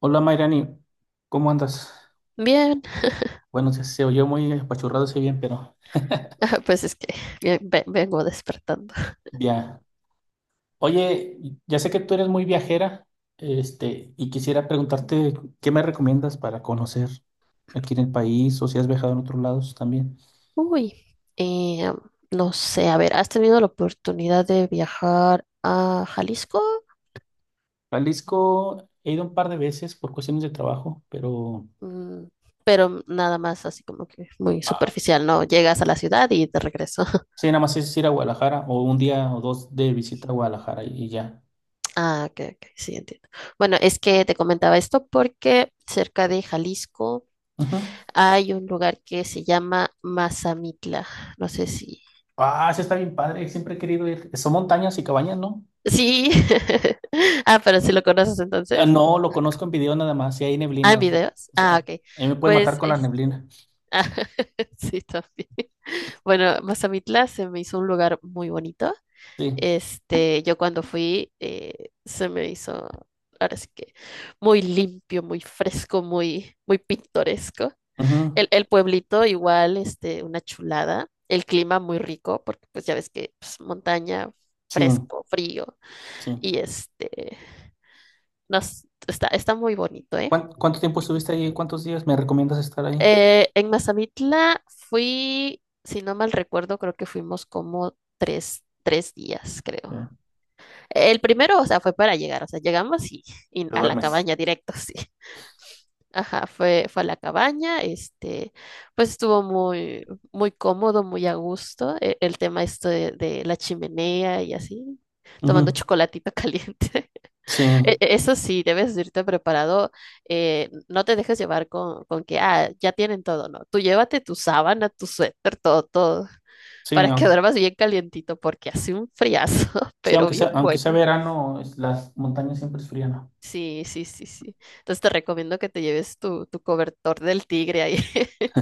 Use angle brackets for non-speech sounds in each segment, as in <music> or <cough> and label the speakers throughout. Speaker 1: Hola Mayrani, ¿cómo andas?
Speaker 2: Bien,
Speaker 1: Bueno, se oyó muy apachurrado ese bien, pero
Speaker 2: <laughs> pues es que vengo despertando.
Speaker 1: bien. Oye, ya sé que tú eres muy viajera, y quisiera preguntarte qué me recomiendas para conocer aquí en el país o si has viajado en otros lados también.
Speaker 2: Uy, eh, no sé, a ver, ¿has tenido la oportunidad de viajar a Jalisco?
Speaker 1: Jalisco he ido un par de veces por cuestiones de trabajo, pero
Speaker 2: Mm, pero nada más así como que muy
Speaker 1: ah,
Speaker 2: superficial, ¿no? Llegas a la ciudad y te regreso. <laughs>
Speaker 1: sí, nada más es ir a Guadalajara o un día o dos de visita a Guadalajara y ya.
Speaker 2: Ah, ok, ok, sí, entiendo. Bueno, es que te comentaba esto porque cerca de Jalisco
Speaker 1: Ujú.
Speaker 2: hay un lugar que se llama Mazamitla. No sé si...
Speaker 1: Ah, sí está bien padre, siempre he querido ir. Son montañas y cabañas, ¿no?
Speaker 2: Sí. <laughs> Ah, pero si lo conoces
Speaker 1: Ah,
Speaker 2: entonces.
Speaker 1: no, lo conozco en video nada más, si hay
Speaker 2: Ah,
Speaker 1: neblina.
Speaker 2: en
Speaker 1: O sea,
Speaker 2: videos.
Speaker 1: o sea,
Speaker 2: Ah, ok.
Speaker 1: a mí me pueden matar
Speaker 2: Pues
Speaker 1: con la
Speaker 2: es-
Speaker 1: neblina.
Speaker 2: <laughs> ah, <laughs> sí, también. Bueno, Mazamitla se me hizo un lugar muy bonito.
Speaker 1: Sí.
Speaker 2: Este, yo cuando fui, se me hizo, ahora sí que muy limpio, muy fresco, muy, muy pintoresco.
Speaker 1: Ujú.
Speaker 2: El pueblito igual, este, una chulada. El clima muy rico, porque pues ya ves que pues, montaña,
Speaker 1: Sí,
Speaker 2: fresco, frío,
Speaker 1: sí.
Speaker 2: y este, está muy bonito, ¿eh?
Speaker 1: ¿Cuánto tiempo estuviste ahí? ¿Cuántos días me recomiendas estar ahí?
Speaker 2: En Mazamitla fui, si no mal recuerdo, creo que fuimos como 3 días, creo.
Speaker 1: Ya.
Speaker 2: El primero, o sea, fue para llegar, o sea, llegamos y
Speaker 1: Te
Speaker 2: a la
Speaker 1: duermes.
Speaker 2: cabaña directo, <laughs> sí. Ajá, fue a la cabaña, este, pues estuvo muy, muy cómodo, muy a gusto, el, tema esto de la chimenea y así, tomando
Speaker 1: Ujú.
Speaker 2: chocolatito <laughs> caliente.
Speaker 1: Sí,
Speaker 2: Eso sí, debes irte preparado. No te dejes llevar con que, ah, ya tienen todo, ¿no? Tú llévate tu sábana, tu suéter, todo, todo,
Speaker 1: sí,
Speaker 2: para que
Speaker 1: au-
Speaker 2: duermas bien calientito, porque hace un friazo, <laughs>
Speaker 1: sí,
Speaker 2: pero bien
Speaker 1: aunque sea
Speaker 2: bueno.
Speaker 1: verano, las montañas siempre es fría, ¿no?
Speaker 2: Sí, sí, sí, sí. Entonces te recomiendo que te lleves tu cobertor del tigre ahí. <laughs>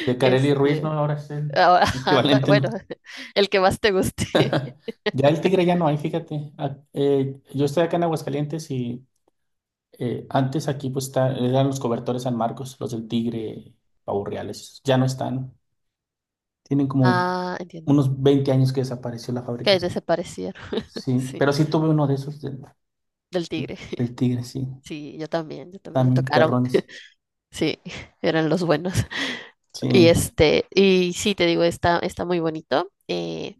Speaker 1: De Kareli Ruiz, ¿no?
Speaker 2: Este,
Speaker 1: Ahora es el
Speaker 2: ahora <laughs> anda,
Speaker 1: equivalente, ¿no?
Speaker 2: bueno, <laughs> el que más te guste. <laughs>
Speaker 1: Ya el tigre ya no hay, fíjate. Ah, yo estoy acá en Aguascalientes y antes aquí eran los cobertores San Marcos, los del Tigre, Pavos Reales, ya no están. Tienen como
Speaker 2: Ah, entiendo.
Speaker 1: unos 20 años que desapareció la fábrica.
Speaker 2: Que desaparecieron. <laughs>
Speaker 1: Sí,
Speaker 2: Sí,
Speaker 1: pero sí tuve uno de esos
Speaker 2: del tigre.
Speaker 1: del Tigre,
Speaker 2: <laughs>
Speaker 1: sí.
Speaker 2: Sí, yo también me
Speaker 1: También
Speaker 2: tocaron.
Speaker 1: perrones.
Speaker 2: Sí, <laughs> eran los buenos.
Speaker 1: Sí.
Speaker 2: Y este, y sí, te digo, está muy bonito.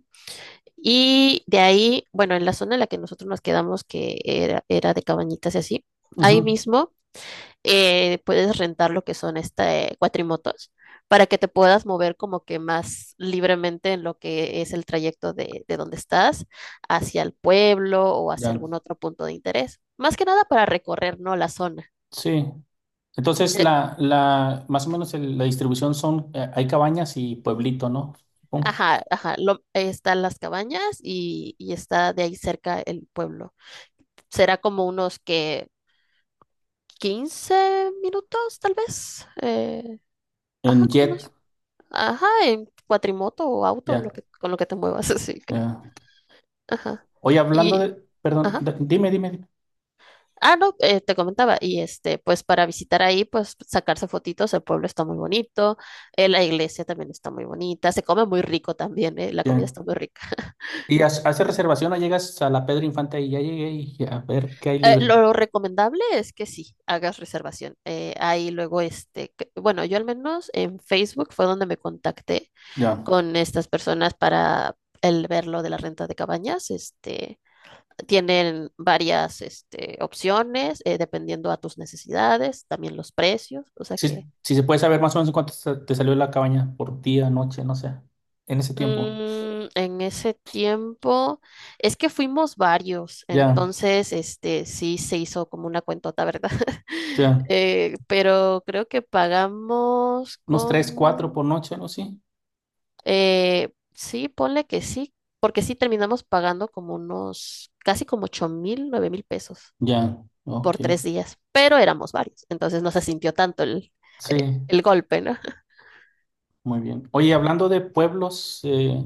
Speaker 2: Y de ahí, bueno, en la zona en la que nosotros nos quedamos, que era de cabañitas y así, ahí
Speaker 1: Ujú.
Speaker 2: mismo puedes rentar lo que son este, cuatrimotos para que te puedas mover como que más libremente en lo que es el trayecto de donde estás hacia el pueblo o hacia
Speaker 1: Ya.
Speaker 2: algún otro punto de interés. Más que nada para recorrer, ¿no? La zona.
Speaker 1: Sí. Entonces más o menos la distribución son, hay cabañas y pueblito, ¿no? Supongo.
Speaker 2: Ajá, ajá, están las cabañas y está de ahí cerca el pueblo. Será como unos que 15 minutos, tal vez.
Speaker 1: En
Speaker 2: Ajá, como
Speaker 1: jet.
Speaker 2: unos. Ajá, en cuatrimoto o auto, lo
Speaker 1: Ya,
Speaker 2: que, con lo que te muevas, <laughs> así creo.
Speaker 1: ya.
Speaker 2: Ajá.
Speaker 1: Oye, hablando
Speaker 2: Y,
Speaker 1: de, perdón,
Speaker 2: ajá.
Speaker 1: dime, dime,
Speaker 2: Ah, no, te comentaba. Y este, pues para visitar ahí, pues sacarse fotitos, el pueblo está muy bonito, la iglesia también está muy bonita, se come muy rico también, la comida
Speaker 1: dime.
Speaker 2: está muy rica.
Speaker 1: Hace reservación o llegas a la Pedro Infante y ya llegué y a ver qué hay libre.
Speaker 2: Lo recomendable es que sí, hagas reservación. Ahí luego, este, bueno, yo al menos en Facebook fue donde me contacté
Speaker 1: Ya.
Speaker 2: con estas personas para el ver lo de la renta de cabañas. Este, tienen varias, este, opciones, dependiendo a tus necesidades, también los precios. O sea
Speaker 1: Si,
Speaker 2: que
Speaker 1: si se puede saber más o menos te salió la cabaña por día, noche, no sé. En ese tiempo.
Speaker 2: En ese tiempo, es que fuimos varios,
Speaker 1: Ya,
Speaker 2: entonces, este, sí se hizo como una cuentota, ¿verdad? <laughs>
Speaker 1: ya.
Speaker 2: Pero creo que pagamos
Speaker 1: Unos tres, cuatro
Speaker 2: como,
Speaker 1: por noche, ¿no? Sí.
Speaker 2: sí, ponle que sí, porque sí terminamos pagando como unos, casi como 8,000, 9,000 pesos
Speaker 1: Ya, ok.
Speaker 2: por 3 días, pero éramos varios, entonces no se sintió tanto
Speaker 1: Sí,
Speaker 2: el golpe, ¿no? <laughs>
Speaker 1: muy bien. Oye, hablando de pueblos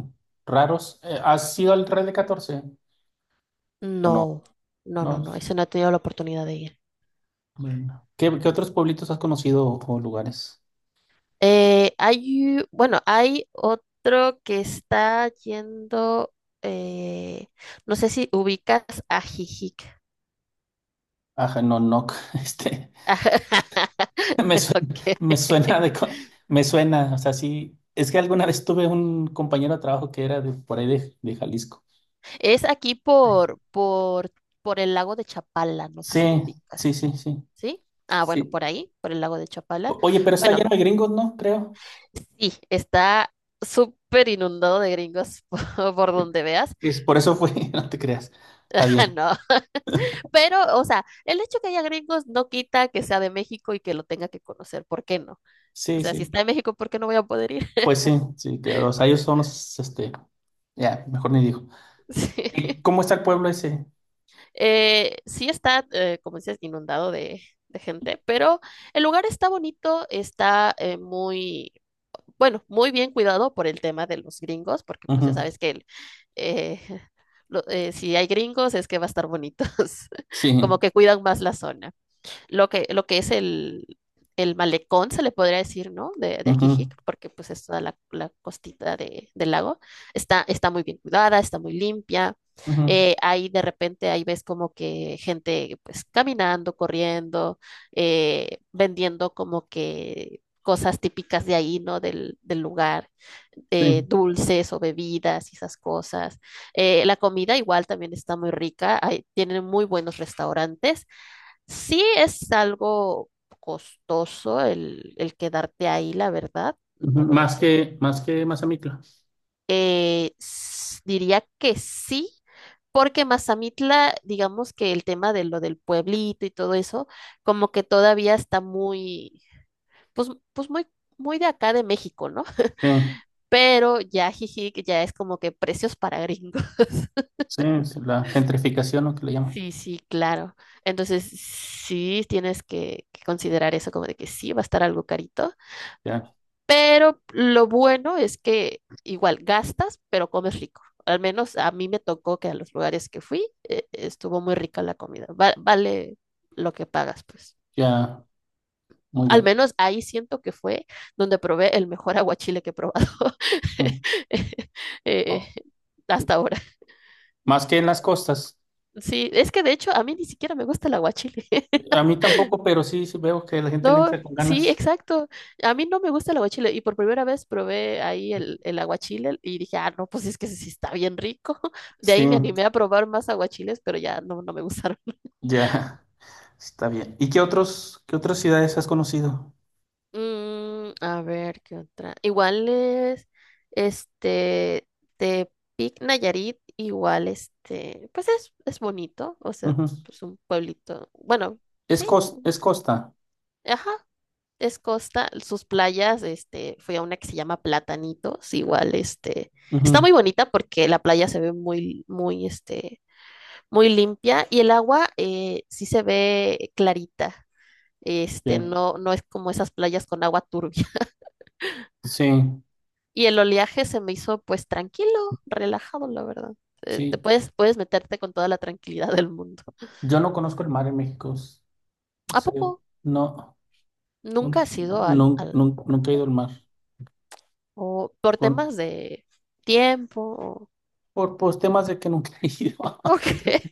Speaker 1: raros, ¿has ido al Real de Catorce? ¿O no?
Speaker 2: No, no, no,
Speaker 1: No.
Speaker 2: no, ese no he tenido la oportunidad de ir.
Speaker 1: Bueno. ¿Qué otros pueblitos has conocido o lugares?
Speaker 2: Hay, bueno, hay otro que está yendo, eh, no sé si ubicas a Jijic.
Speaker 1: Ajá, no, no. <laughs> Este. <laughs> Me
Speaker 2: <laughs>
Speaker 1: suena,
Speaker 2: Ok.
Speaker 1: me suena de co- me suena, o sea, sí, es que alguna vez tuve un compañero de trabajo que era de por ahí de Jalisco.
Speaker 2: Es aquí por el lago de Chapala, no sé si lo
Speaker 1: Sí, sí, sí,
Speaker 2: ubicas.
Speaker 1: sí,
Speaker 2: ¿Sí? Ah, bueno,
Speaker 1: sí.
Speaker 2: por ahí, por el lago de Chapala.
Speaker 1: Oye, pero está
Speaker 2: Bueno,
Speaker 1: lleno de gringos, ¿no? Creo.
Speaker 2: sí, está súper inundado de gringos <laughs> por donde veas.
Speaker 1: Es por eso fue, <laughs> no te creas. Está
Speaker 2: <laughs>
Speaker 1: bien.
Speaker 2: No, pero, o sea, el hecho que haya gringos no quita que sea de México y que lo tenga que conocer, ¿por qué no? O
Speaker 1: Sí,
Speaker 2: sea, si
Speaker 1: sí.
Speaker 2: está en México, ¿por qué no voy a poder ir? <laughs>
Speaker 1: Pues sí, sí, que, o sea, ellos son los, ya, mejor ni digo.
Speaker 2: Sí,
Speaker 1: ¿Y cómo está el pueblo ese?
Speaker 2: Sí está, como dices, inundado de gente, pero el lugar está bonito, está muy, bueno, muy bien cuidado por el tema de los gringos, porque pues ya
Speaker 1: Ujú.
Speaker 2: sabes que el, eh, <laughs> si hay gringos es que va a estar bonitos, <laughs> como
Speaker 1: Sí.
Speaker 2: que cuidan más la zona. Lo que, lo que es el malecón, se le podría decir, ¿no? De
Speaker 1: Ujú.
Speaker 2: Ajijic, porque pues es toda la, la costita de, del lago. Está muy bien cuidada, está muy limpia.
Speaker 1: Ujú.
Speaker 2: Ahí de repente ahí ves como que gente pues caminando, corriendo, vendiendo como que cosas típicas de ahí, ¿no? Del, del lugar,
Speaker 1: Sí.
Speaker 2: dulces o bebidas y esas cosas. La comida igual también está muy rica, tienen muy buenos restaurantes. Sí es algo costoso el quedarte ahí, la verdad.
Speaker 1: Ujú.
Speaker 2: No voy a
Speaker 1: Más
Speaker 2: decir que.
Speaker 1: más que Mazamitla.
Speaker 2: Diría que sí, porque Mazamitla, digamos que el tema de lo del pueblito y todo eso, como que todavía está muy, pues, pues muy, muy de acá de México, ¿no?
Speaker 1: Sí.
Speaker 2: <laughs> Pero ya, jiji, que ya es como que precios para gringos. <laughs>
Speaker 1: Sí, es la gentrificación, ¿no? Que le llaman.
Speaker 2: Sí, sí, claro. Entonces, sí tienes que considerar eso como de que sí va a estar algo carito.
Speaker 1: Ya,
Speaker 2: Pero lo bueno es que igual gastas, pero comes rico. Al menos a mí me tocó que a los lugares que fui estuvo muy rica la comida. Vale lo que pagas, pues.
Speaker 1: ya, muy
Speaker 2: Al
Speaker 1: bien.
Speaker 2: menos ahí siento que fue donde probé el mejor <laughs> aguachile que he probado
Speaker 1: Mm.
Speaker 2: <laughs> eh,
Speaker 1: Oh.
Speaker 2: hasta ahora.
Speaker 1: Más que en las costas.
Speaker 2: Sí, es que de hecho a mí ni siquiera me gusta el aguachile. <laughs>
Speaker 1: A mí tampoco, pero sí, sí veo que la gente le
Speaker 2: No,
Speaker 1: entra con
Speaker 2: sí,
Speaker 1: ganas.
Speaker 2: exacto. A mí no me gusta el aguachile y por primera vez probé ahí el aguachile y dije, ah, no, pues es que sí está bien rico. <laughs> De
Speaker 1: Sí,
Speaker 2: ahí me animé a probar más aguachiles, pero ya no, no me gustaron. <laughs>
Speaker 1: ya, <laughs> está bien. ¿Qué otras ciudades has conocido?
Speaker 2: A ver, ¿qué otra? Igual es, este, Tepic Nayarit, igual, este, pues es bonito, o sea,
Speaker 1: Ujú.
Speaker 2: pues un pueblito, bueno, sí,
Speaker 1: Es costa.
Speaker 2: ajá, es costa, sus playas, este, fui a una que se llama Platanitos, igual, este, está
Speaker 1: Ujú.
Speaker 2: muy bonita porque la playa se ve muy, muy, este, muy limpia y el agua sí se ve clarita, este,
Speaker 1: Bien.
Speaker 2: no, no es como esas playas con agua turbia. <laughs>
Speaker 1: Sí,
Speaker 2: Y el oleaje se me hizo, pues, tranquilo, relajado, la verdad. Te
Speaker 1: sí.
Speaker 2: puedes meterte con toda la tranquilidad del mundo.
Speaker 1: Yo no conozco el mar en México.
Speaker 2: ¿A
Speaker 1: Sí,
Speaker 2: poco
Speaker 1: no,
Speaker 2: nunca has ido al
Speaker 1: nunca he
Speaker 2: mar?
Speaker 1: ido al mar.
Speaker 2: ¿O por
Speaker 1: Con,
Speaker 2: temas de tiempo?
Speaker 1: por, pues, temas de que nunca he ido. <laughs>
Speaker 2: <laughs> Ok.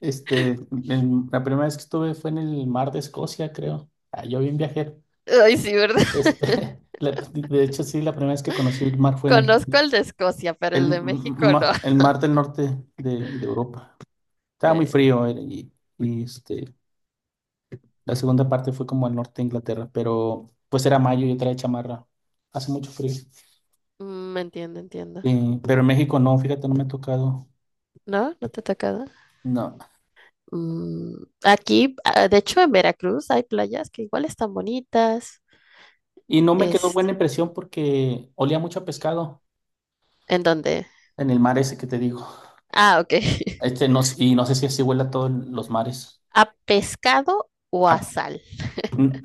Speaker 1: Este, la primera vez que estuve fue en el mar de Escocia, creo. Ah, yo bien viajero.
Speaker 2: Ay, sí, ¿verdad? <laughs>
Speaker 1: Este, <laughs> de hecho, sí, la primera vez que conocí el mar fue en
Speaker 2: Conozco el de Escocia, pero el de México no.
Speaker 1: el
Speaker 2: <laughs>
Speaker 1: mar del norte de Europa. Estaba muy
Speaker 2: Eh,
Speaker 1: frío este, la segunda parte fue como al norte de Inglaterra, pero pues era mayo y yo traía chamarra. Hace mucho frío.
Speaker 2: entiendo, entiendo.
Speaker 1: Pero en México no, fíjate, no me ha tocado.
Speaker 2: ¿No? ¿No te ha tocado?
Speaker 1: No.
Speaker 2: Aquí, ah, de hecho, en Veracruz hay playas que igual están bonitas.
Speaker 1: Y no me quedó
Speaker 2: Este,
Speaker 1: buena impresión porque olía mucho a pescado
Speaker 2: ¿en dónde?
Speaker 1: en el mar ese que te digo.
Speaker 2: Ah, ok. <laughs>
Speaker 1: Este no, y no sé si así huele a todos los mares.
Speaker 2: ¿A pescado o a
Speaker 1: A-
Speaker 2: sal?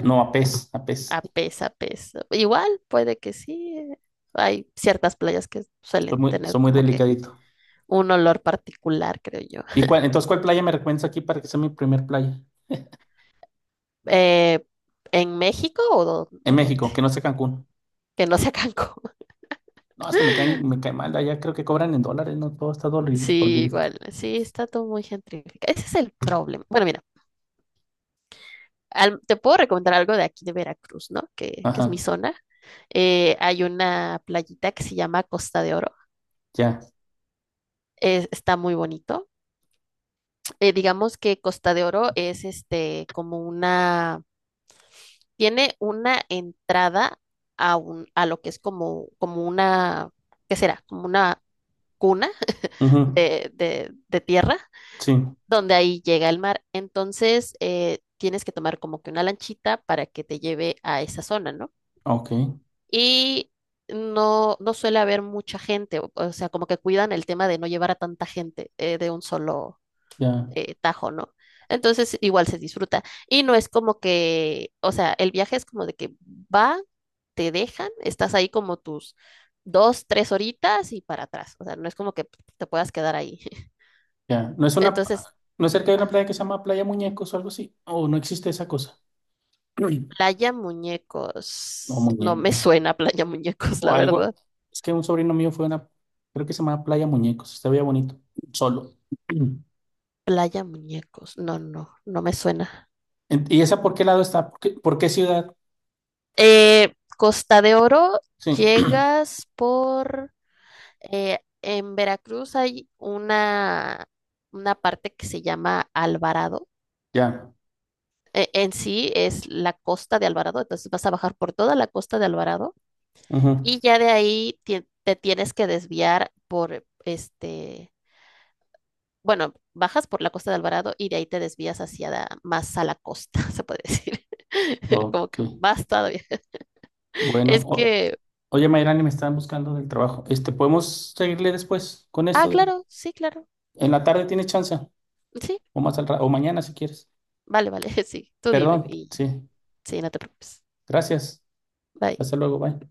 Speaker 1: no, a pez, a pez.
Speaker 2: A pez, a pez. Igual, puede que sí. Hay ciertas playas que suelen
Speaker 1: Soy
Speaker 2: tener
Speaker 1: muy
Speaker 2: como que
Speaker 1: delicadito.
Speaker 2: un olor particular, creo yo.
Speaker 1: ¿Entonces cuál playa me recomiendas aquí para que sea mi primer playa?
Speaker 2: Eh, ¿En México o,
Speaker 1: En
Speaker 2: o dónde?
Speaker 1: México, que no sea Cancún.
Speaker 2: Que no sea <laughs> Cancún.
Speaker 1: No, es que me cae mal. Allá creo que cobran en dólares, ¿no? Todo está
Speaker 2: Sí,
Speaker 1: dolarífica.
Speaker 2: igual, sí, está todo muy gentrificado. Ese es el problema. Bueno, mira, te puedo recomendar algo de aquí de Veracruz, ¿no? Que es mi
Speaker 1: Ajá,
Speaker 2: zona. Hay una playita que se llama Costa de Oro.
Speaker 1: ya.
Speaker 2: Está muy bonito. Digamos que Costa de Oro es este como una, tiene una entrada a un, a lo que es como, como una, ¿qué será? Como una cuna
Speaker 1: Ujú.
Speaker 2: de tierra
Speaker 1: Sí,
Speaker 2: donde ahí llega el mar. Entonces, tienes que tomar como que una lanchita para que te lleve a esa zona, ¿no?
Speaker 1: ok,
Speaker 2: Y no, no suele haber mucha gente, o sea, como que cuidan el tema de no llevar a tanta gente de un solo
Speaker 1: ya,
Speaker 2: tajo, ¿no? Entonces, igual se disfruta. Y no es como que, o sea, el viaje es como de que va, te dejan, estás ahí como tus 2, 3 horitas y para atrás. O sea, no es como que te puedas quedar ahí. <laughs>
Speaker 1: ya.
Speaker 2: Entonces,
Speaker 1: ¿No es cerca de una playa que se llama Playa Muñecos o algo así? ¿O no existe esa cosa? <clears throat> Uy,
Speaker 2: Playa
Speaker 1: no,
Speaker 2: Muñecos. No me
Speaker 1: muñecos.
Speaker 2: suena Playa Muñecos,
Speaker 1: O
Speaker 2: la
Speaker 1: algo,
Speaker 2: verdad.
Speaker 1: es que un sobrino mío fue a una, creo que se llama Playa Muñecos, se veía bonito, solo. <clears throat>
Speaker 2: Playa Muñecos. No, no, no me suena.
Speaker 1: ¿Y esa por qué lado está? ¿Por qué ciudad?
Speaker 2: Costa de Oro,
Speaker 1: Sí,
Speaker 2: llegas por... en Veracruz hay una parte que se llama Alvarado.
Speaker 1: <clears throat> ya.
Speaker 2: En sí es la costa de Alvarado, entonces vas a bajar por toda la costa de Alvarado
Speaker 1: Ujú.
Speaker 2: y ya de ahí te tienes que desviar por este... Bueno, bajas por la costa de Alvarado y de ahí te desvías hacia más a la costa, <laughs> se puede decir. <laughs> Como
Speaker 1: Ok.
Speaker 2: que más todavía.
Speaker 1: Bueno,
Speaker 2: Es que,
Speaker 1: oye, Mayrani, me están buscando del trabajo. Este, ¿podemos seguirle después con
Speaker 2: ah,
Speaker 1: esto?
Speaker 2: claro, sí, claro,
Speaker 1: En la tarde tienes chance,
Speaker 2: sí,
Speaker 1: o o mañana si quieres.
Speaker 2: vale, vale, <laughs> sí, tú dime
Speaker 1: Perdón,
Speaker 2: y ya.
Speaker 1: sí.
Speaker 2: Sí, no te preocupes.
Speaker 1: Gracias.
Speaker 2: Bye.
Speaker 1: Hasta luego, bye.